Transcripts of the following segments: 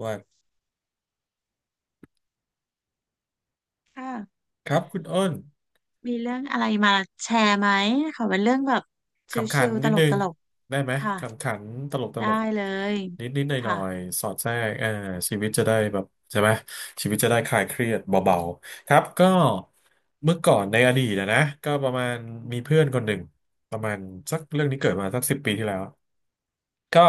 ว่าค่ะครับคุณอ้นมีเรื่องอะไรมาแชร์ไหมขอเป็นเรื่องแบบขำขัชินลๆตนิดนึงลกได้ไหมๆค่ะขำขันตลกตลได้กเลยนิดนิดหน่อยหน่อค่ะยๆสอดแทรกชีวิตจะได้แบบใช่ไหมชีวิตจะได้คลายเครียดเบาๆครับก็เมื่อก่อนในอดีตนะก็ประมาณมีเพื่อนคนหนึ่งประมาณสักเรื่องนี้เกิดมาสักสิบปีที่แล้วก็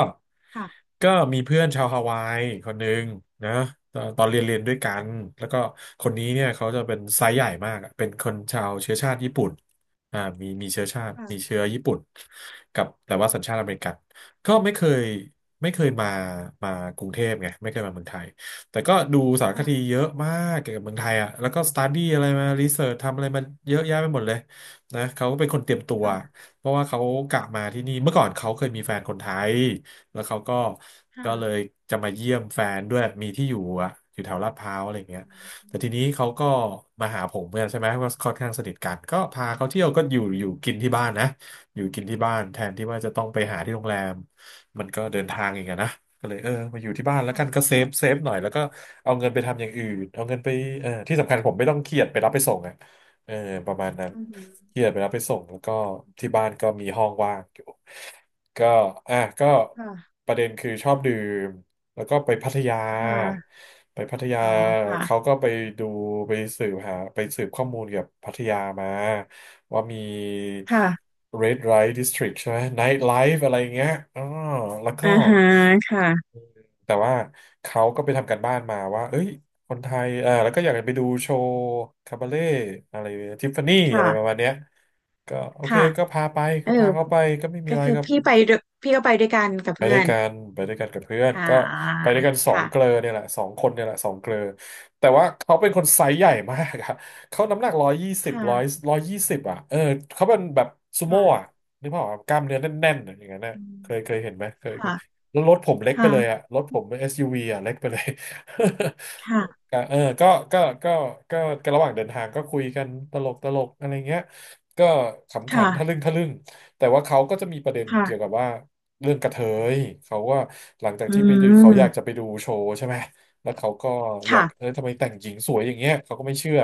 ค่ะก็มีเพื่อนชาวฮาวายคนหนึ่งนะตอนเรียนเรียนด้วยกันแล้วก็คนนี้เนี่ยเขาจะเป็นไซส์ใหญ่มากอะเป็นคนชาวเชื้อชาติญี่ปุ่น มีเชื้อชาติค่ะมีเชื้อญี่ปุ่นกับแต่ว่าสัญชาติอเมริกันก็ไม่เคยมามากรุงเทพไงไม่เคยมาเมืองไทยแต่ก็ดูสารคค่ะดีเยอะมากเกี่ยวกับเมืองไทยอ่ะแล้วก็สต u ดี้อะไรมารีเสิร์ชทำอะไรมาเยอะแยะไปหมดเลยนะเขาเป็นคนเตรียมตัวค่ะเพราะว่าเขากะมาที่นี่เมื่อก่อนเขาเคยมีแฟนคนไทยแล้วเขาก็ก็ค่ะเลยจะมาเยี่ยมแฟนด้วยมีที่อยู่อ่ะอยู่แถวลาดพร้าวอะไรอย่างเงี้ย อืแต่ทีนี้มเขาก็มาหาผมกันใช่ไหมก็ค่อนข้างสนิทกันก็พาเขาเที่ยวก็อยู่กินที่บ้านนะอยู่กินที่บ้านแทนที่ว่าจะต้องไปหาที่โรงแรมมันก็เดินทางอีกอะนะก็เลยมาอยู่ที่บ้านแล้วกันก็ค่ะเซฟหน่อยแล้วก็เอาเงินไปทำอย่างอื่นเอาเงินไปที่สำคัญผมไม่ต้องเครียดไปรับไปส่งอ่ะเออประมาณนั้นอือหือเครียดไปรับไปส่งแล้วก็ที่บ้านก็มีห้องว่างอยู่ก็อ่ะก็ค่ะประเด็นคือชอบดื่ม แล้วก็ไปพัทยา ค่ะไปพัทยาอ๋อเขาค่ะก็ไปดูไปสืบหาไปสืบข้อมูลเกี่ยวกับพัทยามาว่ามี ค่ะ Red Light District ใช่ไหม Night Life อะไรอย่างเงี้ยอ๋อแล้วก็อ่าฮะค่ะแต่ว่าเขาก็ไปทำการบ้านมาว่าเอ้ยคนไทยแล้วก็อยากจะไปดูโชว์คาบาเล่อะไรทิฟฟานี่อะไรประค่ะมาณเนี้ยก็โอเคค่ะก็พาไปเอก็อพาเขาไปก็ไม่มีก็อะไรคือครับ พี่ไปด้วยพี่ก็ไปด้วยกันกับไปเพื่ด้วอยนกันกับเพื่อนอ่าก็ไปด้วยกันสองเกลอค่ะเนี่ยแหละสองคนเนี่ยแหละสองเกลอแต่ว่าเขาเป็นคนไซส์ใหญ่มากอะ เขาน้ำหนักร้อยยี่สิบค่ะร้อยยี่สิบอะเออเขาเป็นแบบซูโม่ค่ะอะนึกภาพออกปะกล้ามเนื้อแน่นๆอะอย่างนั้นนะอืมเคยเห็นไหมเคยเคยค่ะแล้วรถผมเล็กไปเลยอะค่ะรถผม SUV อสยูวีอะเล็กไปเลย ค่ะก็เออก็ก็ก็ก็ก็ระหว่างเดินทางก็คุยกันตลกตลกอะไรเงี้ยก็ขำขันค่ะทะลึ่งแต่ว่าเขาก็จะมีประเด็นค่ะเกี่ยวกับว่า เรื่องกระเทยเขาว่าหลังจากอืที่ไปดูเขาอยากมจะไปดูโชว์ใช่ไหมแล้วเขาก็อยากค่ะ ทำไมแต่งหญิงสวยอย่างเงี้ยเขาก็ไม่เชื่อ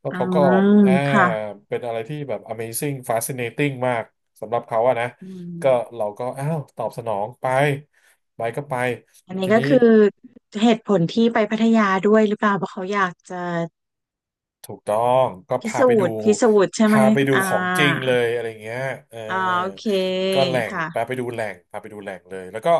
แล้วอืเขาก็มอ่าค่ะเป็นอะไรที่แบบ Amazing Fascinating มากสำหรับเขาอะนะอืก็มเราก็อ้าวตอบสนองไปไปก็ไปอันทีนี้ก็นี้ คือเหตุผลที่ไปพัทยาด้วยหรือเปล่าเพราะเขาอยากจะถูกต้องก็พิพาสูไปดูจน์พิสูจน์ใช่ไหมพาไปดูอ่าของจริงเลยอะไรเงี้ยเอออ่าโอเคก็แหล่งค่ะ พาไปดูแหล่งพาไปดูแหล่งเลยแล้วก็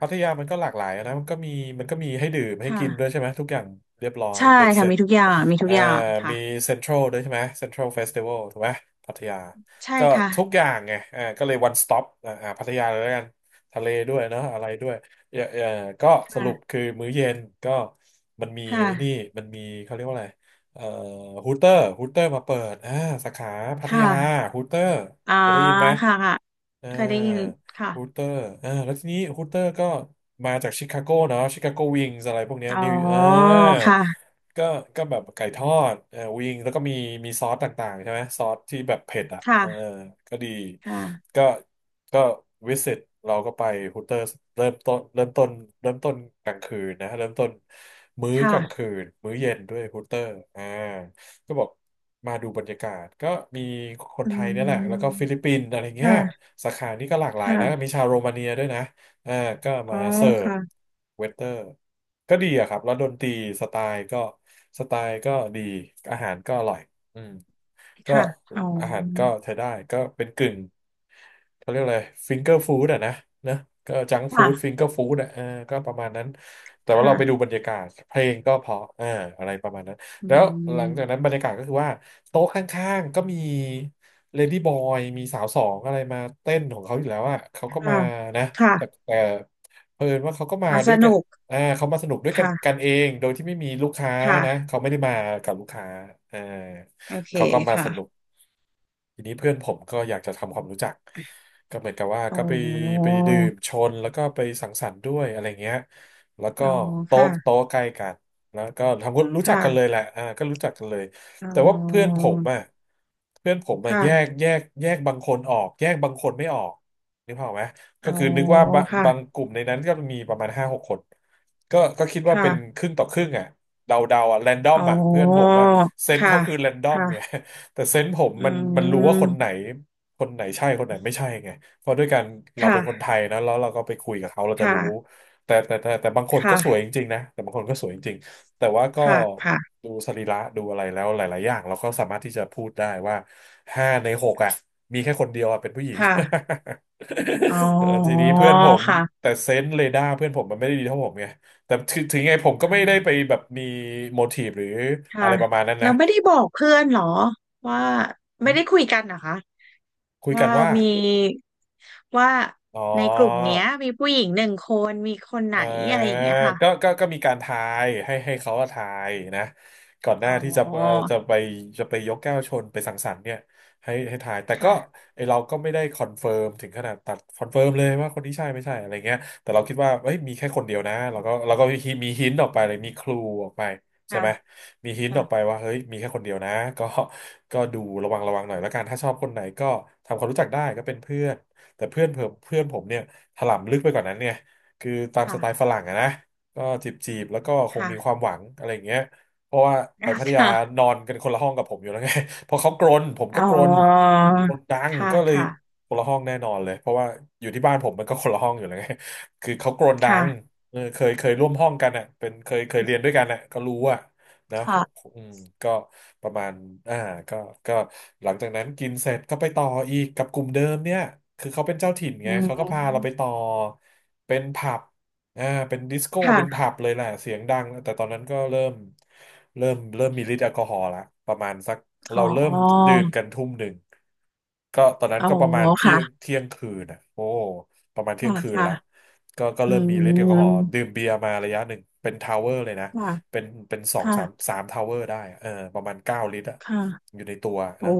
พัทยามันก็หลากหลายนะมันก็มีให้ดื่มให้กินด้วยค่ะ ใช่ไหมทุกอย่างเรียบร้อยใช่เบ็ดเสค่ะ ร็จมีทุกอย่าง มีทุเอ่กออย่างค่ะ มีเซ็นทรัลด้วยใช่ไหมเซ็นทรัลเฟสติวัลถูกไหมพัทยาใช่ก็ค่ะ ทุกอย่างไงเอ่าก็เลยวันสต็อปอ่าพัทยาเลยแล้วกันทะเลด้วยเนาะอะไรด้วยเออเออก็สรุปค่ะ คือมื้อเย็นก็มันมีค่ะไอ้นี่มันมีเขาเรียกว่าอะไร เอ่อฮูเตอร์มาเปิดอ่าสาขาพัคทยา่ะฮูเตอร์อ่าเคยได้ยินไหมค่ะค่ะอ่าเคยได้ยินค่ะ ฮูเตอร์อ่าแล้วทีนี้ฮูเตอร์ก็มาจากชิคาโกเนาะชิคาโกวิงส์อะไรพวกเนี้ยอ๋อนิวค่ะ ก็ก็แบบไก่ทอดเออวิงแล้วก็มีมีซอสต่างๆใช่ไหมซอสที่แบบเผ็ดอ่ะเออค่ะ ก็ดีค่ะก็ก็วิสิตเราก็ไปฮูเตอร์เริ่มต้นเริ่มต้นกลางคืนนะเริ่มต้นมื้อกลางคืค่ะนมื้อเย็นด้วยฮูเตอร์อ่าก็บอกมาดูบรรยากาศก็มีคนอืไทยเนี่ยแหละแล้วก็มฟิลิปปินส์อะไรเงี้ยค่ะสาขานี้ก็หลากหลายนะค่ะ มีชาวโรมาเนียด้วยนะ อ่าก็อ๋มาอเสิร์ฟค่ะเวเตอร์ก็ดีอะครับแล้วดนตรีสไตล์ก็สไตล์ก็ดีอาหารก็อร่อยอืมก็ค่ะอ๋อ อาหารก็ใช้ได้ก็เป็นกึ่งเขาเรียกอะไรฟิงเกอร์ฟู้ดอะนะเนอะก็จังฟู้ดฟิงค่ะเกอร์ฟู้ดอะก็ประมาณนั้นแต่ว่าค่ะ เราไปดูบรรยากาศเพลงก็เพราะอะไรประมาณนั้นอืแล้วหลังจากนั้นบมรรยากาศก็คือว่าโต๊ะข้างๆก็มีเลดี้บอยมีสาวสองอะไรมาเต้นของเขาอยู่แล้วอะเขาก็ค่ะมานะ แต่ค่ะแต่เอนว่าเขาก็มาอ่ะด้สวยกันุนกเขามาสนุกด้วยกันกัค่ะนเองโดยที่ไม่มีลูกค้านะค่ะเขาไม่ได้มากับลูกค้าอ่าโอเคเขาก็มาสค่ะนุกทีนี้เพื่อนผมก็อยากจะทำความรู้จักก็เหมือนกับว่าอ๋ก็ไปไปอดื่มชนแล้วก็ไปสังสรรค์ด้วยอะไรเงี้ยแล้วก็อ๋อค่ะโต๊ะใกล้กันแล้วก็ทำความรู้จักกันเลยค่ะแหละก็รู้จักกันเลยอ๋แต่ว่าอเพื่อนผมอ่ะแยกค่ะแยกแยกบางคนออกแยกบางคนไม่ออกนึกภาพออกไหม ก็อ๋อคือนึกว่าบางค่ะกลุ่มในนั้นก็มีประมาณห้าหกคนก็คิดว่าเป็นค่ะครึ่งต่อครึ่งอ่ะเดาเดาอ่ะแรนดอมอ๋ออ่ะเพื่อนผมอ่ะเซนส์ค่ะเขาคือแรนดอมไง ค่ะ แต่เซนส์ผมอืมันรู้ว่าคนไหนมคนไหนใช่คนไหนไม่ใช่ไงเพราะด้วยการเราเป็นคนไทค่ะยนะแล้วเราก็ไปคุยกับเขาเราจะค่ะรู้แต่บางคนก็สวยค่ะจริงๆนะแต่บางคนก็สวยจริงๆแต่ว่าก็ค่ะค่ะดูสรีระดูอะไรแล้วหลายๆอย่างเราก็สามารถที่จะพูดได้ว่าห้าในหกอ่ะมีแค่คนเดียวอ่ะเป็นผู้หญิง ค่ะอ๋อ ทีนี้เพื่อนผมค่ะแต่เซนส์เรดาร์เพื่อนผมมันไม่ได้ดีเท่าผมไงแต่ถึงไงผมก็อ๋ไม่ได้ไปอแบบมีโมทีฟหรืออะค่ะไรประมาณนั้นนะเราไม่ได้บอกเพื่อนเหรอว่าไม่ได้คุยกันเหรอคะ คุยว่ากันว่ามีว่าอ๋อ ในกลุ่มเนี้ยมีผู้หญิงหนึ่งคนมีคนอไหนอะไร่าอย่างเงี้ยค่ะก็มีการทายให้เขาอะทายนะก่อนหน้าอ๋อที่จะจะไปยกแก้วชนไปสังสรรค์เนี่ยให้ทายแต่ก็ค่ะไอเราก็ไม่ได้คอนเฟิร์มถึงขนาดตัดคอนเฟิร์มเลยว่าคนนี้ใช่ไม่ใช่อะไรเงี้ยแต่เราคิดว่าเอ้ยมีแค่คนเดียวนะเราก็มีหินออกไปเลยมีคลูออกไปใช่ค่ะไหมมีหินออกไปค่ะว่าเฮ้ยมีแค่คนเดียวนะก็ก็ดูระวังระวังหน่อยแล้วกันถ้าชอบคนไหนก็ทำความรู้จักได้ก็เป็นเพื่อนแต่เพื่อนเพื่อนเพื่อนผมเนี่ยถลำลึกไปกว่านั้นไง คือตามสค่ะไตล์ฝรั่งอะนะก็จีบจีบแล้วก็คงมีควาค่ะมหวังอะไรอย่างเงี้ยเพราะว่าไปพัทยาค่ะนอนกันคนละห้องกับผมอยู่แล้วไง พอเขากรนผมก็อ๋อกรนดังค่ะก็เลยค่ะคนละห้องแน่นอนเลยเพราะว่าอยู่ที่บ้านผมมันก็คนละห้องอยู่แล้วไง คือเขากรนดัค่ะงเคยร่วมห้องกันอ่ะเป็นเคยเรียนด้วยกันอ่ะก็รู้อ่ะ นะค่ะอืมก็ประมาณอ่าก็ก็หลังจากนั้นกินเสร็จก็ไปต่ออีกกับกลุ่มเดิมเนี่ยคือเขาเป็นเจ้าถิ่นอืไงมเขาก็พาเราไปต่อเป็นผับอ่าเป็นดิสโก้เป็นค่ะผับเลยแหละเสียงดังแต่ตอนนั้นก็เริ่มมีฤทธิ์แอลกอฮอล์ละประมาณสักอ๋เราอเริ่มดื่มกัน1 ทุ่มก็ตอนนั้นอ๋อก็ประมาณค่ะเที่ยงคืนอ่ะโอ้ประมาณเที่ยงค่ะคืนค่ะละก็อืเริ่มมีฤทธิ์แอลกอฮอล์ดื่มมเบียร์มาระยะหนึ่งเป็นทาวเวอร์เลยนะ ค่ะเป็นสองค่ะสามทาวเวอร์ได้อะประมาณ9 ลิตรอะค่ะอยู่ในตัวนะโอ้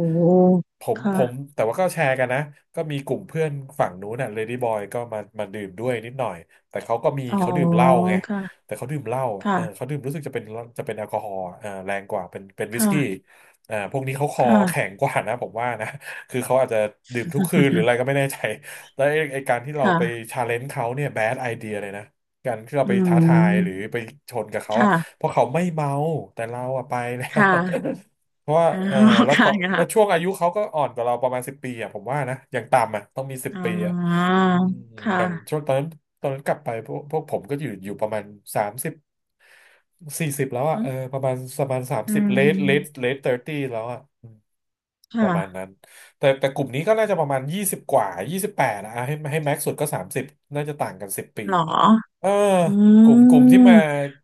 ผมค่ะแต่ว่าก็แชร์กันนะก็มีกลุ่มเพื่อนฝั่งนู้นน่ะเลดี้บอยก็มาดื่มด้วยนิดหน่อยแต่เขาก็มีอ๋อเขาดื่มเหล้าไงค่ะแต่เขาดื่มเหล้าอะเขาค่ะดื่มรู้สึกจะเป็นแอลกอฮอล์อะแรงกว่าเป็นวิสกี้ค่ะพวกนี้เขาคอแข็ค่ะงกว่านะผมว่านะ คือเขาอาจจะดื่มทุกคืนหรืออะไรก็ไม่แน่ใจแล้วไอ้การที่เราไปค่ะ ชาเลนจ์เขาเนี่ยแบดไอเดียเลยนะการที่เราอืไปท้าทายหรือมไปชนกับเขาอะ ค่ะเพราะเขาไม่เมาแต่เราอะไปแล้ว ค่ะ เพราะว่าอ๋อ แล้วค่ะ เขาแล้วช่วค่ะงอายุเขาก็อ่อนกว่าเราประมาณสิบปีอะผมว่านะอย่างต่ำอะต้องมีสิบอ๋ปีอะออืมคอย่าง่ะช่วงตอนนั้นตอนนั้นกลับไปพวกผมก็อยู่ประมาณ30-40แล้วอะอืมประมาณสามอืสิบมเลทเทอร์ตี้แล้วอะปค่ะระมาณนั้นแต่กลุ่มนี้ก็น่าจะประมาณยี่สิบกว่า28นะอ่ะให้แม็กซ์สุดก็สามสิบน่าจะต่างกันสิบปีหรอเอออืกลุ่มที่มาม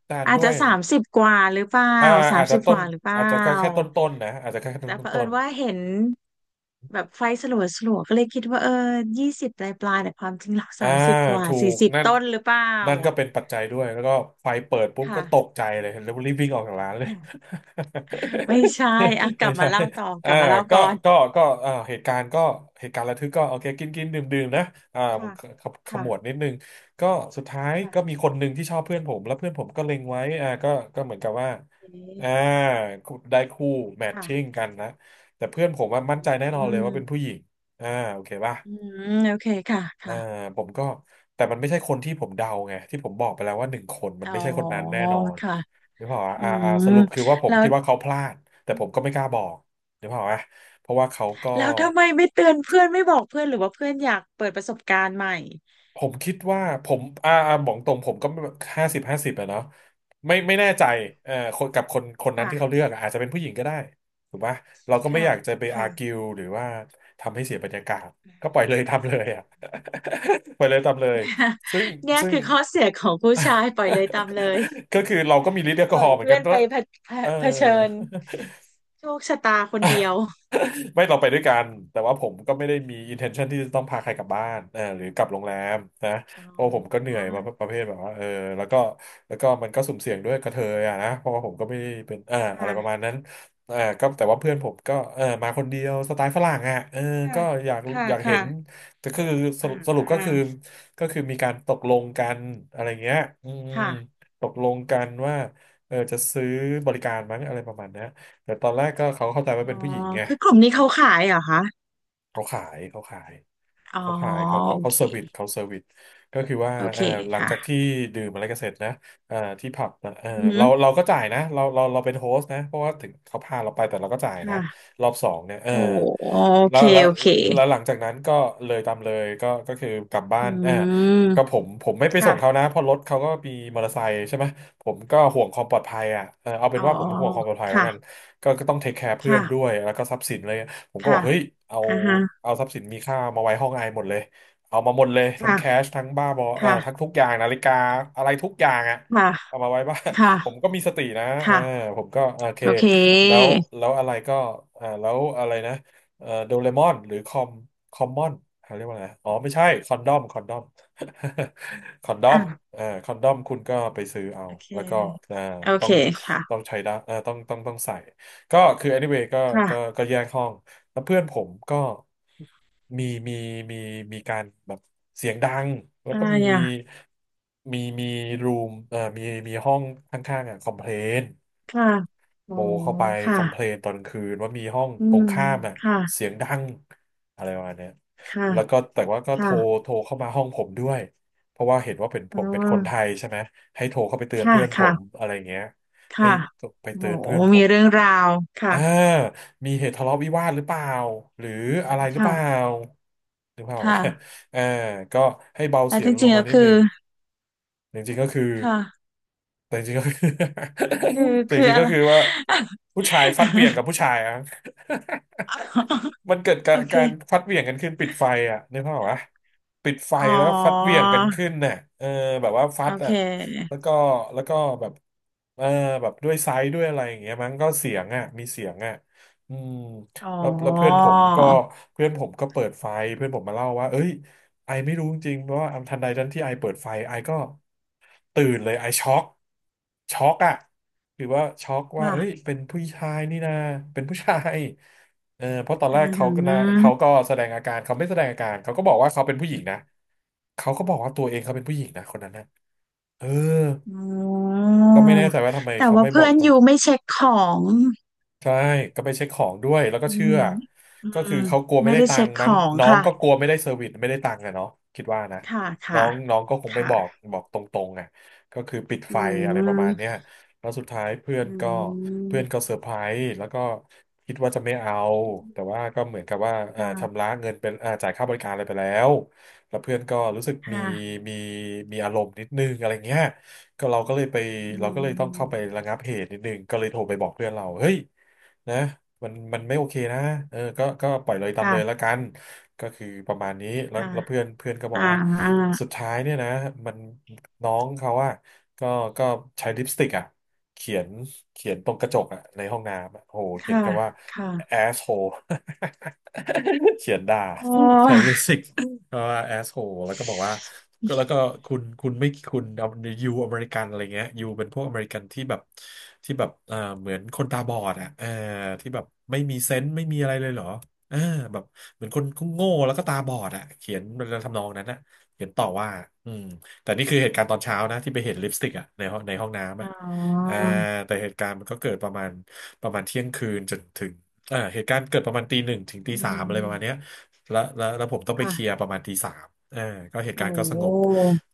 ทานอาจด้วจะย สามสิบกว่าหรือเปล่าอ่าสาอามจจะสิบกต้นว่าหรือเปล่าอาจจะแค่ต้นต้นนะอาจจะแค่ต้นแต่ต้เผนอิต้ญน ว่าเห็นแบบไฟสลัวสลัวก็เลยคิดว่าเออยี่สิบปลายปลายแต่ความจริงหลักอ่าสามสิบกว่าถูสี่กสิบนั่นต้นหรือเปล่านั่นก็เป็นปัจจัยด้วยแล้วก็ไฟเปิดปุ๊บก็ค่ะ ตกใจเลยแล้วรีบวิ่งออกจากร้านเลย ไม่ใช่อ่ะ กลัไม่บใช่มาเล่าต่อกอ่าลับมาเล่าก็ก่อนก็เหตุการณ์ก็เหตุการณ์ระทึกก็โอเคกินกินดื่มดื่มนะอ่าค่ะขค่ะมวดนิดนึงก็สุดท้ายค่ะก็มีคนหนึ่งที่ชอบเพื่อนผมแล้วเพื่อนผมก็เล็งไว้ก็เหมือนกับว่าเอ๊อ่าะได้คู่แมทชิ่งค่ะ กันนะแต่เพื่อนผมว่ามั่นใจแน่นออืนเลยว่ามเป็นผู้หญิงอ่าโอเคป่ะ อืมโอเคค่ะอ่าค่ะผมก็แต่มันไม่ใช่คนที่ผมเดาไงที่ผมบอกไปแล้วว่าหนึ่งคนมัอ๋นไม่อใช่คนนั้นแน่นอนค่ะนึกภาพออกปะอืมสรุปคือว่าผมแล้วคิดว่าเขาพลาดแต่ผมก็ไม่กล้าบอกนึกภาพออกปะเพราะว่าเขาก็แล้วทำไมไม่เตือนเพื่อนไม่บอกเพื่อนหรือว่าเพื่อนอยากเปิดประสบการณ์ใหม่ผมคิดว่าผมบอกตรงผมก็ห้าสิบห้าสิบอะเนาะไม่แน่ใจคนกับคนคนนั้นที่เขาเลืค่ะอกอะอาจจะเป็นผู้หญิงก็ได้ถูกปะเราก็ไม่ค่ะอยากจะไปอาค่ะ ร์กิวหรือว่าทำให้เสียบรรยากาศก็ปล่อยเลย ทำเลยอ่ะ ปล่อยเลยทำเลยซึ่ง เนี่ยซึ่ง คือข้อเสียของผู้ชายปล่อยเลยตามเลย ก็คือเราก็มีฤทธิ์แอลปกอล่ฮออยล์เหมือนเพื่กัอนนก็ไปเผเผเออ เผชิญโชคชะตาคนเดียว ไม่เราไปด้วยกัน แต่ว่าผมก็ไม่ได้มี intention ที่จะต้องพาใครกลับบ้านเออหรือกลับโรงแรมนะอ๋เพราะผมก็เหอนื่อยมาประเภทแบบว่าเออแล้วก็แล้วก็มันก็สุ่มเสี่ยงด้วยกระเทยอ่ะนะเพราะว่าผมก็ไม่ได้เป็นเอ่าออะไรประมาณค่ะนั้นเอ่าก็แต่ว่าเพื่อนผมก็เออมาคนเดียวสไตล์ฝรั่งอ่ะเออค่ะก็อยากค่ะอยากเห็นค่ะแต่คืออ่าสรุปอ่าก็คือก็คือมีการตกลงกันอะไรเงี้ยอืมค่ะตกลงกันว่าเออจะซื้อบริการมั้งอะไรประมาณเนี้ยแต่ตอนแรกก็เขาเข้าใจว่าอ๋เป็อนผู้หญิงไง คือกลุ่มนี้เขาขายเหรอคะเขาขายอ๋อเขาขายเขาเขาโอเขาเค เซอร์วิสเขาเซอร์วิสก็คือว่าโอเคเออหลังจากค่ะที่ดื่มอะไรกันเสร็จนะเออที่ผับนะเอออือหือเราก็จ่ายนะเราเป็นโฮสต์นะเพราะว่าถึงเขาพาเราไปแต่เราก็จ่ายนะค่ะรอบสองเนี่ยเออโอ้โอแล้เควแล้วโอเคแล้วหลังจากนั้นก็เลยตามเลยก็ก็คือกลับบ้าอืนเออก็มผมไม่ไปส่งเขาค่ะนะเพราะรถเขาก็มีมอเตอร์ไซค์ใช่ไหมผมก็ห่วงความปลอดภัยอ่ะเออเอาเป็อ๋นอว่าผมห่วงความปลอดภัยแล้วกันค่ะก็ต้องเทคแคร์เพื่อค่ะนด้วยแล้วก็ทรัพย์สินเลย ผมก็บอค่ะกเฮ้ยเอาอ่าฮะเอาทรัพย์สินมีค่ามาไว้ห้องไอหมดเลย เอามาหมดเลยทั้งค่ะแคชทั้งบ้าบอทั้งค่ะทุกอย่างนาฬิกาอะไรทุกอย่างอะค่ะเอามาไว้บ้าน ผมค่ะก็มีสตินะเออค่ะผมก็โอเคโอเคแล้วอะไรก็แล้วอะไรนะโดเรมอนหรือคอมคอมมอนเขาเรียกว่าอะไรอ๋อไม่ใช่คอนดอม คอนดอมอ่ะคอนดอมคุณก็ไปซื้อเอาโอเคแล้วก็อ่าโอต้อเคงค่ะใช้ได้ต้องใส่ ก็คือ anyway ก็ค่ะแยกห้อง แล้วเพื่อนผมก็มีมีมีมีการแบบเสียงดังแล้วอะก็ไรอ่ะมีรูมมีห้องข้างๆอ่ะคอมเพลนค่ะโทโอ้รเข้าไปคค่ะอมเพลนตอนกลางคืนว่ามีห้องอืตรมงข้ามอ่ะค่ะเสียงดังอะไรประมาณเนี้ยค่ะแล้วก็แต่ว่าก็ค่ะโทรเข้ามาห้องผมด้วยเพราะว่าเห็นว่าเป็นผอ๋อมเป็นคนไทยใช่ไหมให้โทรเข้าไปเตือนค่ะเพื่อนผมค่ะอะไรเงี้ยให้ค่ะไปโอ้เตือนเพื่อนผมีม เรื่องราวค่ะอ่ามีเหตุทะเลาะวิวาทหรือเปล่า หรืออะไรหรือเปค่ะล่าหรือ เปล่าอ่ะค่ะอ่าก็ให้เบาแต่เสียจงลริงงๆแล้มาวนิดคืนึอ งจริงๆก็คือ ค่ะแต่จริงๆก็คือ คือ แต่จคือริงๆอะก็ไร คือว่าผู้ชายฟัดเหวี่ยงกับผู้ ชายอะ มันเกิดโอเค การฟัดเหวี่ยงกันขึ้นปิดไฟอ่ะนึกภาพออกปะปิดไฟอ๋อแล้วฟัดเหวี่ยงกันขึ้นน่ะเออแบบว่าฟัโอดเคอ่ะแล้วก็แล้วก็แบบเออแบบด้วยไซส์ด้วยอะไรอย่างเงี้ยมั้งก็เสียงอ่ะมีเสียงอ่ะอืมอ๋อแล้วเพื่อนผมก็เปิดไฟเพื่อนผมมาเล่าว่าเอ้ยไอไม่รู้จริงๆเพราะว่าทันใดทันที่ไอเปิดไฟไอก็ตื่นเลยไอช็อกอะหรือว่าช็อกว่าว่าเอ้ยเป็นผู้ชายนี่นะเป็นผู้ชาย เออเพราะตอนอืแรกเขาก็นะเขาก็มแสดงอาการเขาไม่แสดงอาการเขาก็บอกว่าเขาเป็นผู้หญิงนะเขาก็บอกว่าตัวเองเขาเป็นผู้หญิงนะคนนั้นนะเอออ๋อ ก็ไม่แน่ใจว่าทำไมแต่เขาว่าไม่บอเพื่อกนต ยูไม่เช็คของใช่ก็ไปเช็คของด้วยแล้วก็อืเชื่มออืก็มคือเขากลัวไม่ไม่ได้ได้ตัเช็งคค์ขมั้งองน้องค่ะก็กลัวไม่ได้เซอร์วิสไม่ได้ตังค์อะเนาะคิดว่านะค่ะน้อค่ะงน้องก็คงไม่บอกค่ะบอกตรงๆอะก็คือปิดอืไฟอะไรประมาณเนี้ยมแล้วสุดท้ายเพื่อนอืก็เพื่อนมก็เซอร์ไพรส์แล้วก็คิดว่าจะไม่เอาแต่ว่าก็เหมือนกับว่าชำค่ะระเงินเป็นจ่ายค่าบริการอะไรไปแล้วแล้วเพื่อนก็รู้สึกมีค่ะมีมีอารมณ์นิดนึงอะไรเงี้ยก็เราก็เลยไปอืเราก็เลยต้องเข้าไปมระงับเหตุนิดนึงก็เลยโทรไปบอกเพื่อนเราเฮ้ย นะมันไม่โอเคนะเออก็ปล่อยเลยตามเลยละค่ะกันก็คือประมาณนี้แล้วค่ะแล้วเพื่อนเพื่อนก็บอ่อกว่าาสุดท้ายเนี่ยนะมันน้องเขาอะก็ก็ใช้ลิปสติกอะเขียนเขียนตรงกระจกอะในห้องน้ำอะโอหเขียนค่ะคำว่า ค่ะ asshole เขียนด่าโอใช้้ ลิปสติก ก็แอสโ e แล้วก็บอกว่าก็แล้วก็คุณไม่คุณเอายูอเมริกันอะไรเงี้ยยูเป็นพวกอเมริกันที่แบบที่แบบเหมือนคนตาบอดอ่ะเออที่แบบไม่มีเซนส์ไม่มีอะไรเลยเหรอเออแบบเหมือนคนโง่แล้วก็ตาบอดอ่ะเขียนทำนองนั้นนะเขียนต่อว่าอืมแต่นี่คือเหตุการณ์ตอนเช้านะที่ไปเห็นลิปสติกอ่ะในห้องในห้องน้ำอ๋อ่ะอ่าอแต่เหตุการณ์มันก็เกิดประมาณเที่ยงคืนจนถึงอ่าเหตุการณ์เกิดประมาณตีหนึ่งถึงตีอืสามอะไรประมาณเนี้ย มแล้วผมต้องไปเคลียค่ะร์ประมาณตีสามเออก็เหตุกาโอ้รณ์ก็สงบ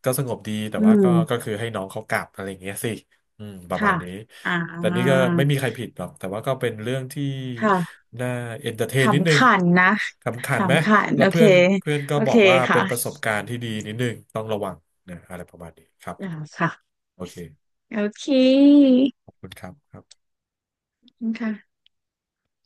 ก็สงบดีแต่อืว่าก็มก็คือให้น้องเขากลับอะไรอย่างเงี้ยสิอืมประมาณค่ะนี้ อ่าแต่นี่ก็ไม่มีใครผิดหรอกแต่ว่าก็เป็นเรื่องที่ค่ะน่าเอนเตอร์เทขนนิดนึำงขันนะขำขันไหมขำขันแล้วโอเค เพื่อนเพื่อนก็โอบอเคกว่าเป็ค่ะนประสบการณ์ที่ดีนิดนึงต้องระวังนะอะไรประมาณนี้ครับอ่าค่ะโอเคโอเคขอบคุณครับครับขอบคุณค่ะ